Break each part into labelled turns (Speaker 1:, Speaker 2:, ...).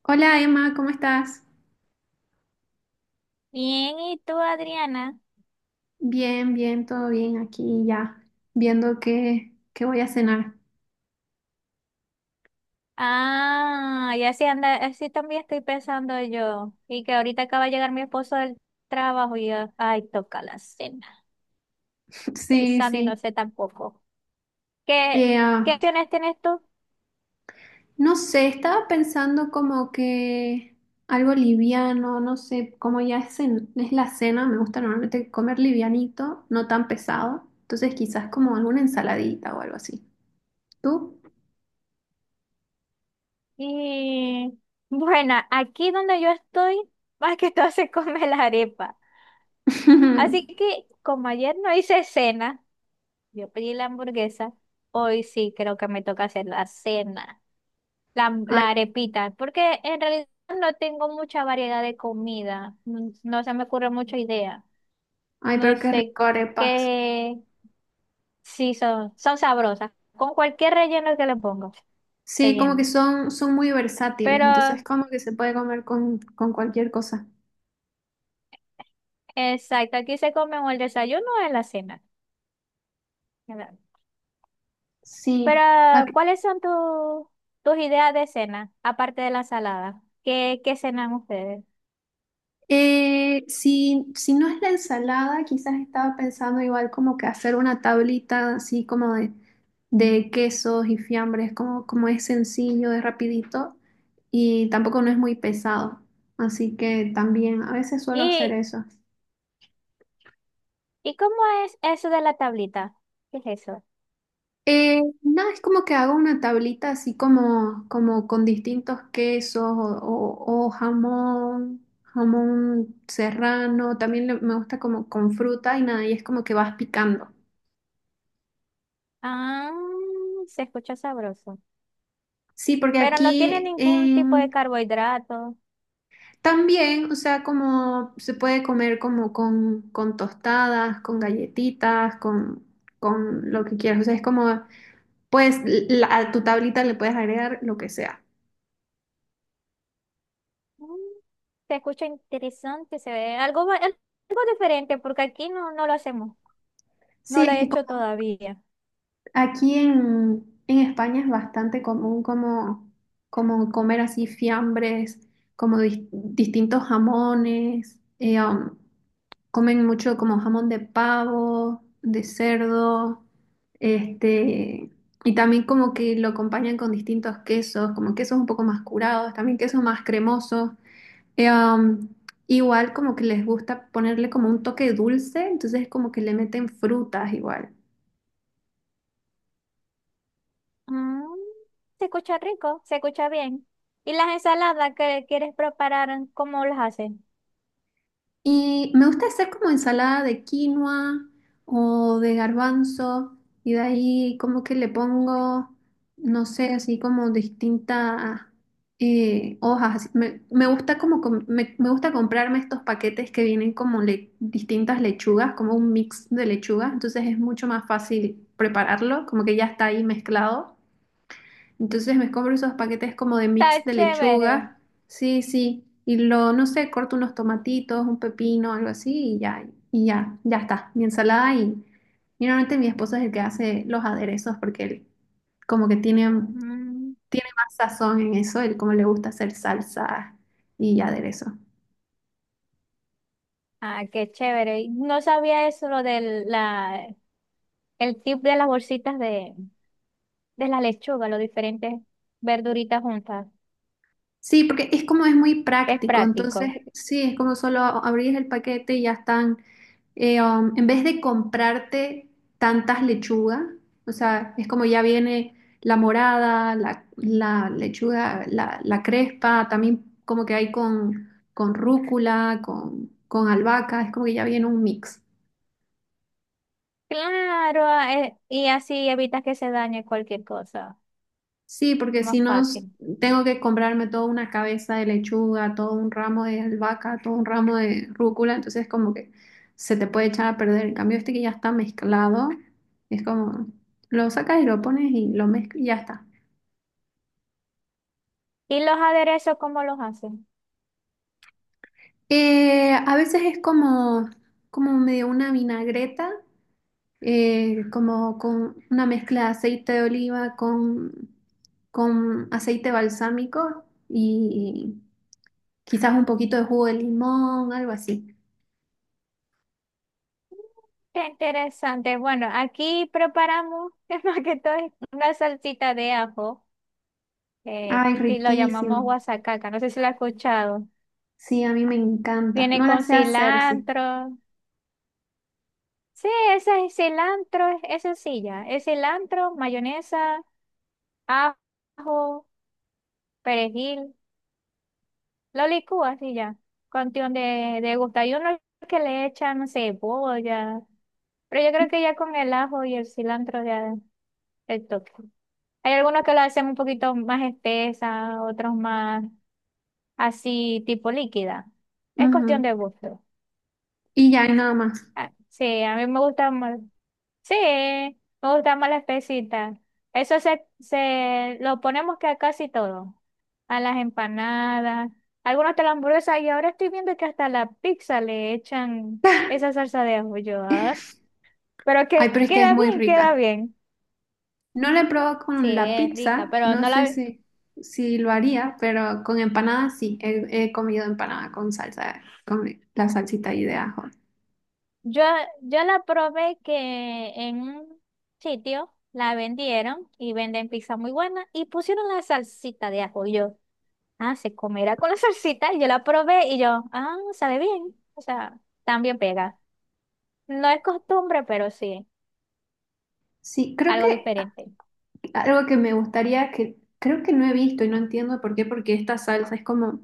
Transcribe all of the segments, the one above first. Speaker 1: Hola Emma, ¿cómo estás?
Speaker 2: Bien, ¿y tú, Adriana?
Speaker 1: Bien, bien, todo bien aquí ya, viendo qué voy a cenar.
Speaker 2: Ah, ya sí anda, así también estoy pensando yo. Y que ahorita acaba de llegar mi esposo del trabajo y yo, ay, toca la cena.
Speaker 1: Sí,
Speaker 2: Pensando y no
Speaker 1: sí.
Speaker 2: sé tampoco. ¿Qué,
Speaker 1: Eh,
Speaker 2: qué
Speaker 1: ah,
Speaker 2: opciones tienes tú?
Speaker 1: no sé, estaba pensando como que algo liviano, no sé, como ya es, es la cena, me gusta normalmente comer livianito, no tan pesado, entonces quizás como alguna ensaladita o algo así. ¿Tú?
Speaker 2: Y bueno, aquí donde yo estoy, más que todo se come la arepa. Así que como ayer no hice cena, yo pedí la hamburguesa, hoy sí creo que me toca hacer la cena. La,
Speaker 1: Ay,
Speaker 2: la arepita, porque en realidad no tengo mucha variedad de comida, no se me ocurre mucha idea,
Speaker 1: ay,
Speaker 2: no
Speaker 1: pero qué
Speaker 2: sé
Speaker 1: rico arepas.
Speaker 2: qué, sí son sabrosas, con cualquier relleno que le pongo,
Speaker 1: Sí, como que
Speaker 2: relleno.
Speaker 1: son muy versátiles,
Speaker 2: Pero,
Speaker 1: entonces como que se puede comer con cualquier cosa.
Speaker 2: exacto, aquí se come o el desayuno o en la cena. ¿Verdad?
Speaker 1: Sí,
Speaker 2: Pero,
Speaker 1: ac-
Speaker 2: ¿cuáles son tus ideas de cena, aparte de la ensalada? ¿Qué cenan ustedes?
Speaker 1: si, si no es la ensalada, quizás estaba pensando igual como que hacer una tablita así como de quesos y fiambres, como, como es sencillo, es rapidito y tampoco no es muy pesado. Así que también a veces suelo hacer
Speaker 2: ¿Y,
Speaker 1: eso.
Speaker 2: y cómo es eso de la tablita? ¿Qué es eso?
Speaker 1: No, es como que hago una tablita así como, como con distintos quesos o, o jamón, jamón serrano, también me gusta como con fruta y nada, y es como que vas picando.
Speaker 2: Ah, se escucha sabroso.
Speaker 1: Sí, porque
Speaker 2: Pero no tiene ningún tipo de carbohidrato.
Speaker 1: también, o sea, como se puede comer como con tostadas, con galletitas, con lo que quieras, o sea, es como, pues a tu tablita le puedes agregar lo que sea.
Speaker 2: Mm, Se escucha interesante, se ve algo, algo diferente porque aquí no, no lo hacemos.
Speaker 1: Sí,
Speaker 2: No lo
Speaker 1: es
Speaker 2: he
Speaker 1: que
Speaker 2: hecho todavía.
Speaker 1: aquí en España es bastante común como, como comer así fiambres, como distintos jamones, comen mucho como jamón de pavo, de cerdo, este, y también como que lo acompañan con distintos quesos, como quesos un poco más curados, también quesos más cremosos. Eh, um, igual como que les gusta ponerle como un toque dulce, entonces como que le meten frutas igual.
Speaker 2: Mm, Se escucha rico, se escucha bien. ¿Y las ensaladas que quieres preparar, cómo las hacen?
Speaker 1: Y me gusta hacer como ensalada de quinoa o de garbanzo y de ahí como que le pongo, no sé, así como distintas hojas. Así, me gusta como me gusta comprarme estos paquetes que vienen como distintas lechugas, como un mix de lechugas, entonces es mucho más fácil prepararlo, como que ya está ahí mezclado. Entonces me compro esos paquetes como de mix
Speaker 2: Está
Speaker 1: de
Speaker 2: chévere.
Speaker 1: lechuga. Sí, sí. Y lo, no sé, corto unos tomatitos, un pepino, algo así, y ya, ya está. Mi ensalada y normalmente mi esposo es el que hace los aderezos porque él como que tiene,
Speaker 2: Mm,
Speaker 1: tiene más sazón en eso, él como le gusta hacer salsa y aderezo.
Speaker 2: ah, qué chévere. No sabía eso, el tip de las bolsitas de la lechuga, los diferentes verduritas juntas.
Speaker 1: Sí, porque es como es muy
Speaker 2: Es
Speaker 1: práctico, entonces
Speaker 2: práctico.
Speaker 1: sí, es como solo abrís el paquete y ya están en vez de comprarte tantas lechugas, o sea, es como ya viene la morada, la lechuga, la crespa, también como que hay con rúcula, con albahaca, es como que ya viene un mix.
Speaker 2: Claro, y así evitas que se dañe cualquier cosa.
Speaker 1: Sí, porque
Speaker 2: Más
Speaker 1: si no
Speaker 2: fácil.
Speaker 1: tengo que comprarme toda una cabeza de lechuga, todo un ramo de albahaca, todo un ramo de rúcula, entonces como que se te puede echar a perder. En cambio, este que ya está mezclado, es como lo sacas y lo pones y lo mezclas y ya está.
Speaker 2: ¿Y los aderezos cómo los hacen?
Speaker 1: A veces es como, como medio una vinagreta, como con una mezcla de aceite de oliva con aceite balsámico y quizás un poquito de jugo de limón, algo así.
Speaker 2: Qué interesante. Bueno, aquí preparamos que más que todo es una salsita de ajo,
Speaker 1: Ay,
Speaker 2: que lo llamamos
Speaker 1: riquísimo.
Speaker 2: guasacaca. No sé si lo has escuchado.
Speaker 1: Sí, a mí me encanta.
Speaker 2: Viene
Speaker 1: No la
Speaker 2: con
Speaker 1: sé hacer, sí.
Speaker 2: cilantro. Sí, ese es cilantro, es sencilla. Es cilantro, mayonesa, ajo, perejil. Lo licúas y ya. Cuestión de gusto. Hay unos que le echan, no sé, cebolla. Pero yo creo que ya con el ajo y el cilantro ya el toque. Hay algunos que lo hacen un poquito más espesa, otros más así, tipo líquida. Es cuestión
Speaker 1: Ujú.
Speaker 2: de gusto.
Speaker 1: Y ya, y nada más.
Speaker 2: Ah, sí, a mí me gusta más. Sí, me gusta más la espesita. Eso se lo ponemos que a casi todo. A las empanadas, algunos de la hamburguesa, y ahora estoy viendo que hasta a la pizza le echan esa salsa de ajo. Yo, ah. Pero que
Speaker 1: Ay, pero es que es
Speaker 2: queda
Speaker 1: muy
Speaker 2: bien, queda
Speaker 1: rica.
Speaker 2: bien.
Speaker 1: No la he probado
Speaker 2: Sí,
Speaker 1: con la
Speaker 2: es rica,
Speaker 1: pizza,
Speaker 2: pero
Speaker 1: no
Speaker 2: no
Speaker 1: sé
Speaker 2: la
Speaker 1: si, si lo haría, pero con empanadas sí. He comido empanada con salsa, con la salsita ahí de ajo.
Speaker 2: yo yo la probé que en un sitio la vendieron y venden pizza muy buena y pusieron la salsita de ajo. Yo. Ah, se comerá con la salsita. Y yo la probé y yo, ah, sabe bien. O sea, también pega. No es costumbre, pero sí,
Speaker 1: Sí, creo
Speaker 2: algo
Speaker 1: que
Speaker 2: diferente.
Speaker 1: algo que me gustaría, que creo que no he visto y no entiendo por qué, porque esta salsa es como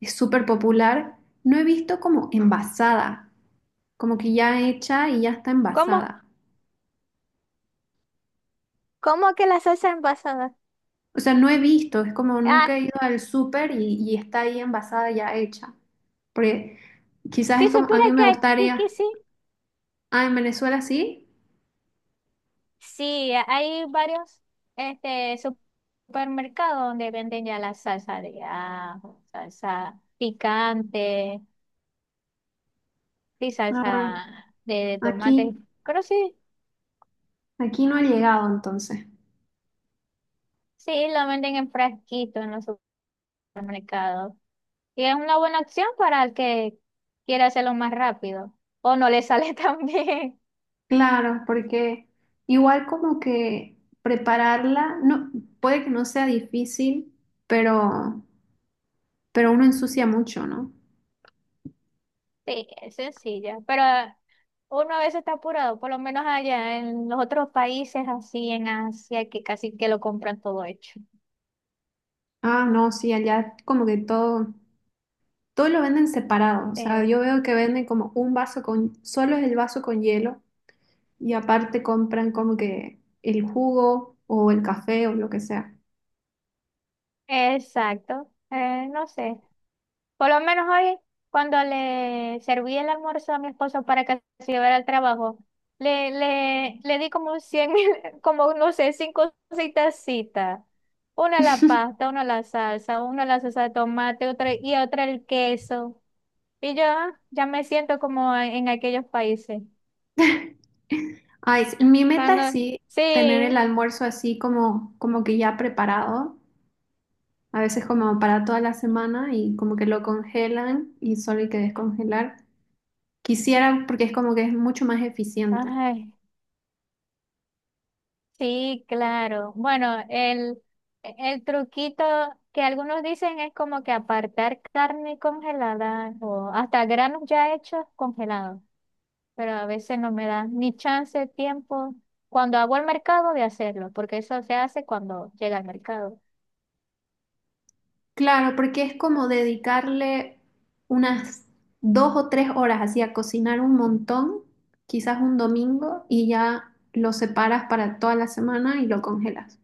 Speaker 1: es súper popular. No he visto como envasada, como que ya hecha y ya está
Speaker 2: ¿Cómo?
Speaker 1: envasada.
Speaker 2: ¿Cómo que la salsa envasada?
Speaker 1: O sea, no he visto, es como
Speaker 2: Ah,
Speaker 1: nunca he ido al súper y está ahí envasada ya hecha. Porque quizás
Speaker 2: si
Speaker 1: es como, a
Speaker 2: supiera
Speaker 1: mí
Speaker 2: que
Speaker 1: me
Speaker 2: aquí que
Speaker 1: gustaría,
Speaker 2: sí,
Speaker 1: ah, en Venezuela sí,
Speaker 2: sí, hay varios este, supermercados donde venden ya la salsa de ajo, salsa picante, sí,
Speaker 1: ah, bueno,
Speaker 2: salsa de
Speaker 1: aquí,
Speaker 2: tomate, pero sí,
Speaker 1: aquí no ha llegado entonces.
Speaker 2: sí, lo venden en frasquito en los supermercados. Y es una buena opción para el que quiera hacerlo más rápido o no le sale tan bien.
Speaker 1: Claro, porque igual como que prepararla, no, puede que no sea difícil, pero, pero uno ensucia mucho, ¿no?
Speaker 2: Sí, es sencilla, pero uno a veces está apurado, por lo menos allá en los otros países así en Asia que casi que lo compran todo hecho.
Speaker 1: Ah, no, sí, allá como que todo, todo lo venden separado. O sea, yo
Speaker 2: Eh,
Speaker 1: veo que venden como un vaso con, solo es el vaso con hielo y aparte compran como que el jugo o el café o lo que sea.
Speaker 2: exacto. No sé. Por lo menos hoy, cuando le serví el almuerzo a mi esposo para que se llevara al trabajo, le di como 100 como no sé, cinco citas. Una a la pasta, una a la salsa, una a la salsa de tomate, otra y otra el queso. Y yo ya me siento como en aquellos países.
Speaker 1: Ay, sí, mi meta
Speaker 2: Cuando,
Speaker 1: es sí tener el
Speaker 2: sí,
Speaker 1: almuerzo así como, como que ya preparado, a veces como para toda la semana y como que lo congelan y solo hay que descongelar. Quisiera porque es como que es mucho más eficiente.
Speaker 2: ay. Sí, claro. Bueno, el truquito que algunos dicen es como que apartar carne congelada o hasta granos ya hechos congelados, pero a veces no me da ni chance, tiempo, cuando hago el mercado de hacerlo, porque eso se hace cuando llega al mercado.
Speaker 1: Claro, porque es como dedicarle unas 2 o 3 horas así a cocinar un montón, quizás un domingo, y ya lo separas para toda la semana y lo congelas.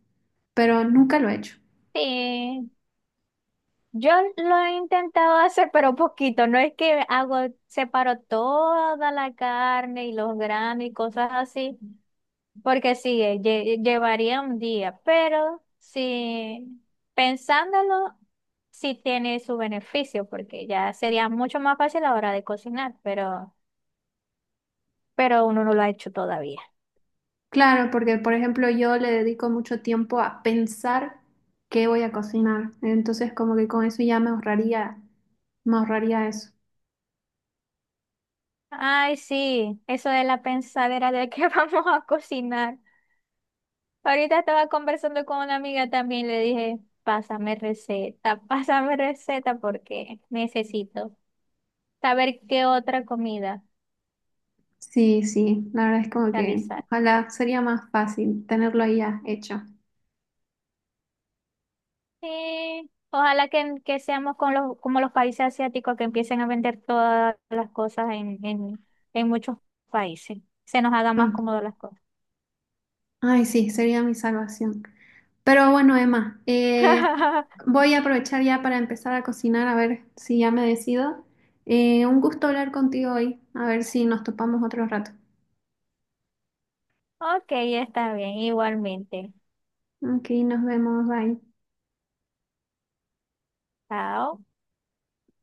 Speaker 1: Pero nunca lo he hecho.
Speaker 2: Sí, yo lo he intentado hacer, pero poquito, no es que hago, separo toda la carne y los granos y cosas así. Porque sí, llevaría un día, pero si pensándolo, sí tiene su beneficio, porque ya sería mucho más fácil a la hora de cocinar, pero uno no lo ha hecho todavía.
Speaker 1: Claro, porque por ejemplo yo le dedico mucho tiempo a pensar qué voy a cocinar. Entonces como que con eso ya me ahorraría eso.
Speaker 2: Ay, sí, eso de la pensadera de que vamos a cocinar. Ahorita estaba conversando con una amiga también, le dije, pásame receta, pásame receta porque necesito saber qué otra comida
Speaker 1: Sí, sí, la verdad es como que
Speaker 2: realizar.
Speaker 1: ojalá sería más fácil tenerlo ahí ya hecho.
Speaker 2: Sí, ojalá que seamos con los, como los países asiáticos que empiecen a vender todas las cosas en muchos países. Se nos haga más
Speaker 1: Mm.
Speaker 2: cómodo las cosas.
Speaker 1: Ay, sí, sería mi salvación. Pero bueno, Emma, voy a aprovechar ya para empezar a cocinar, a ver si ya me decido. Un gusto hablar contigo hoy, a ver si nos topamos otro rato.
Speaker 2: Ok, está bien, igualmente.
Speaker 1: Ok, nos vemos, bye.
Speaker 2: Chao.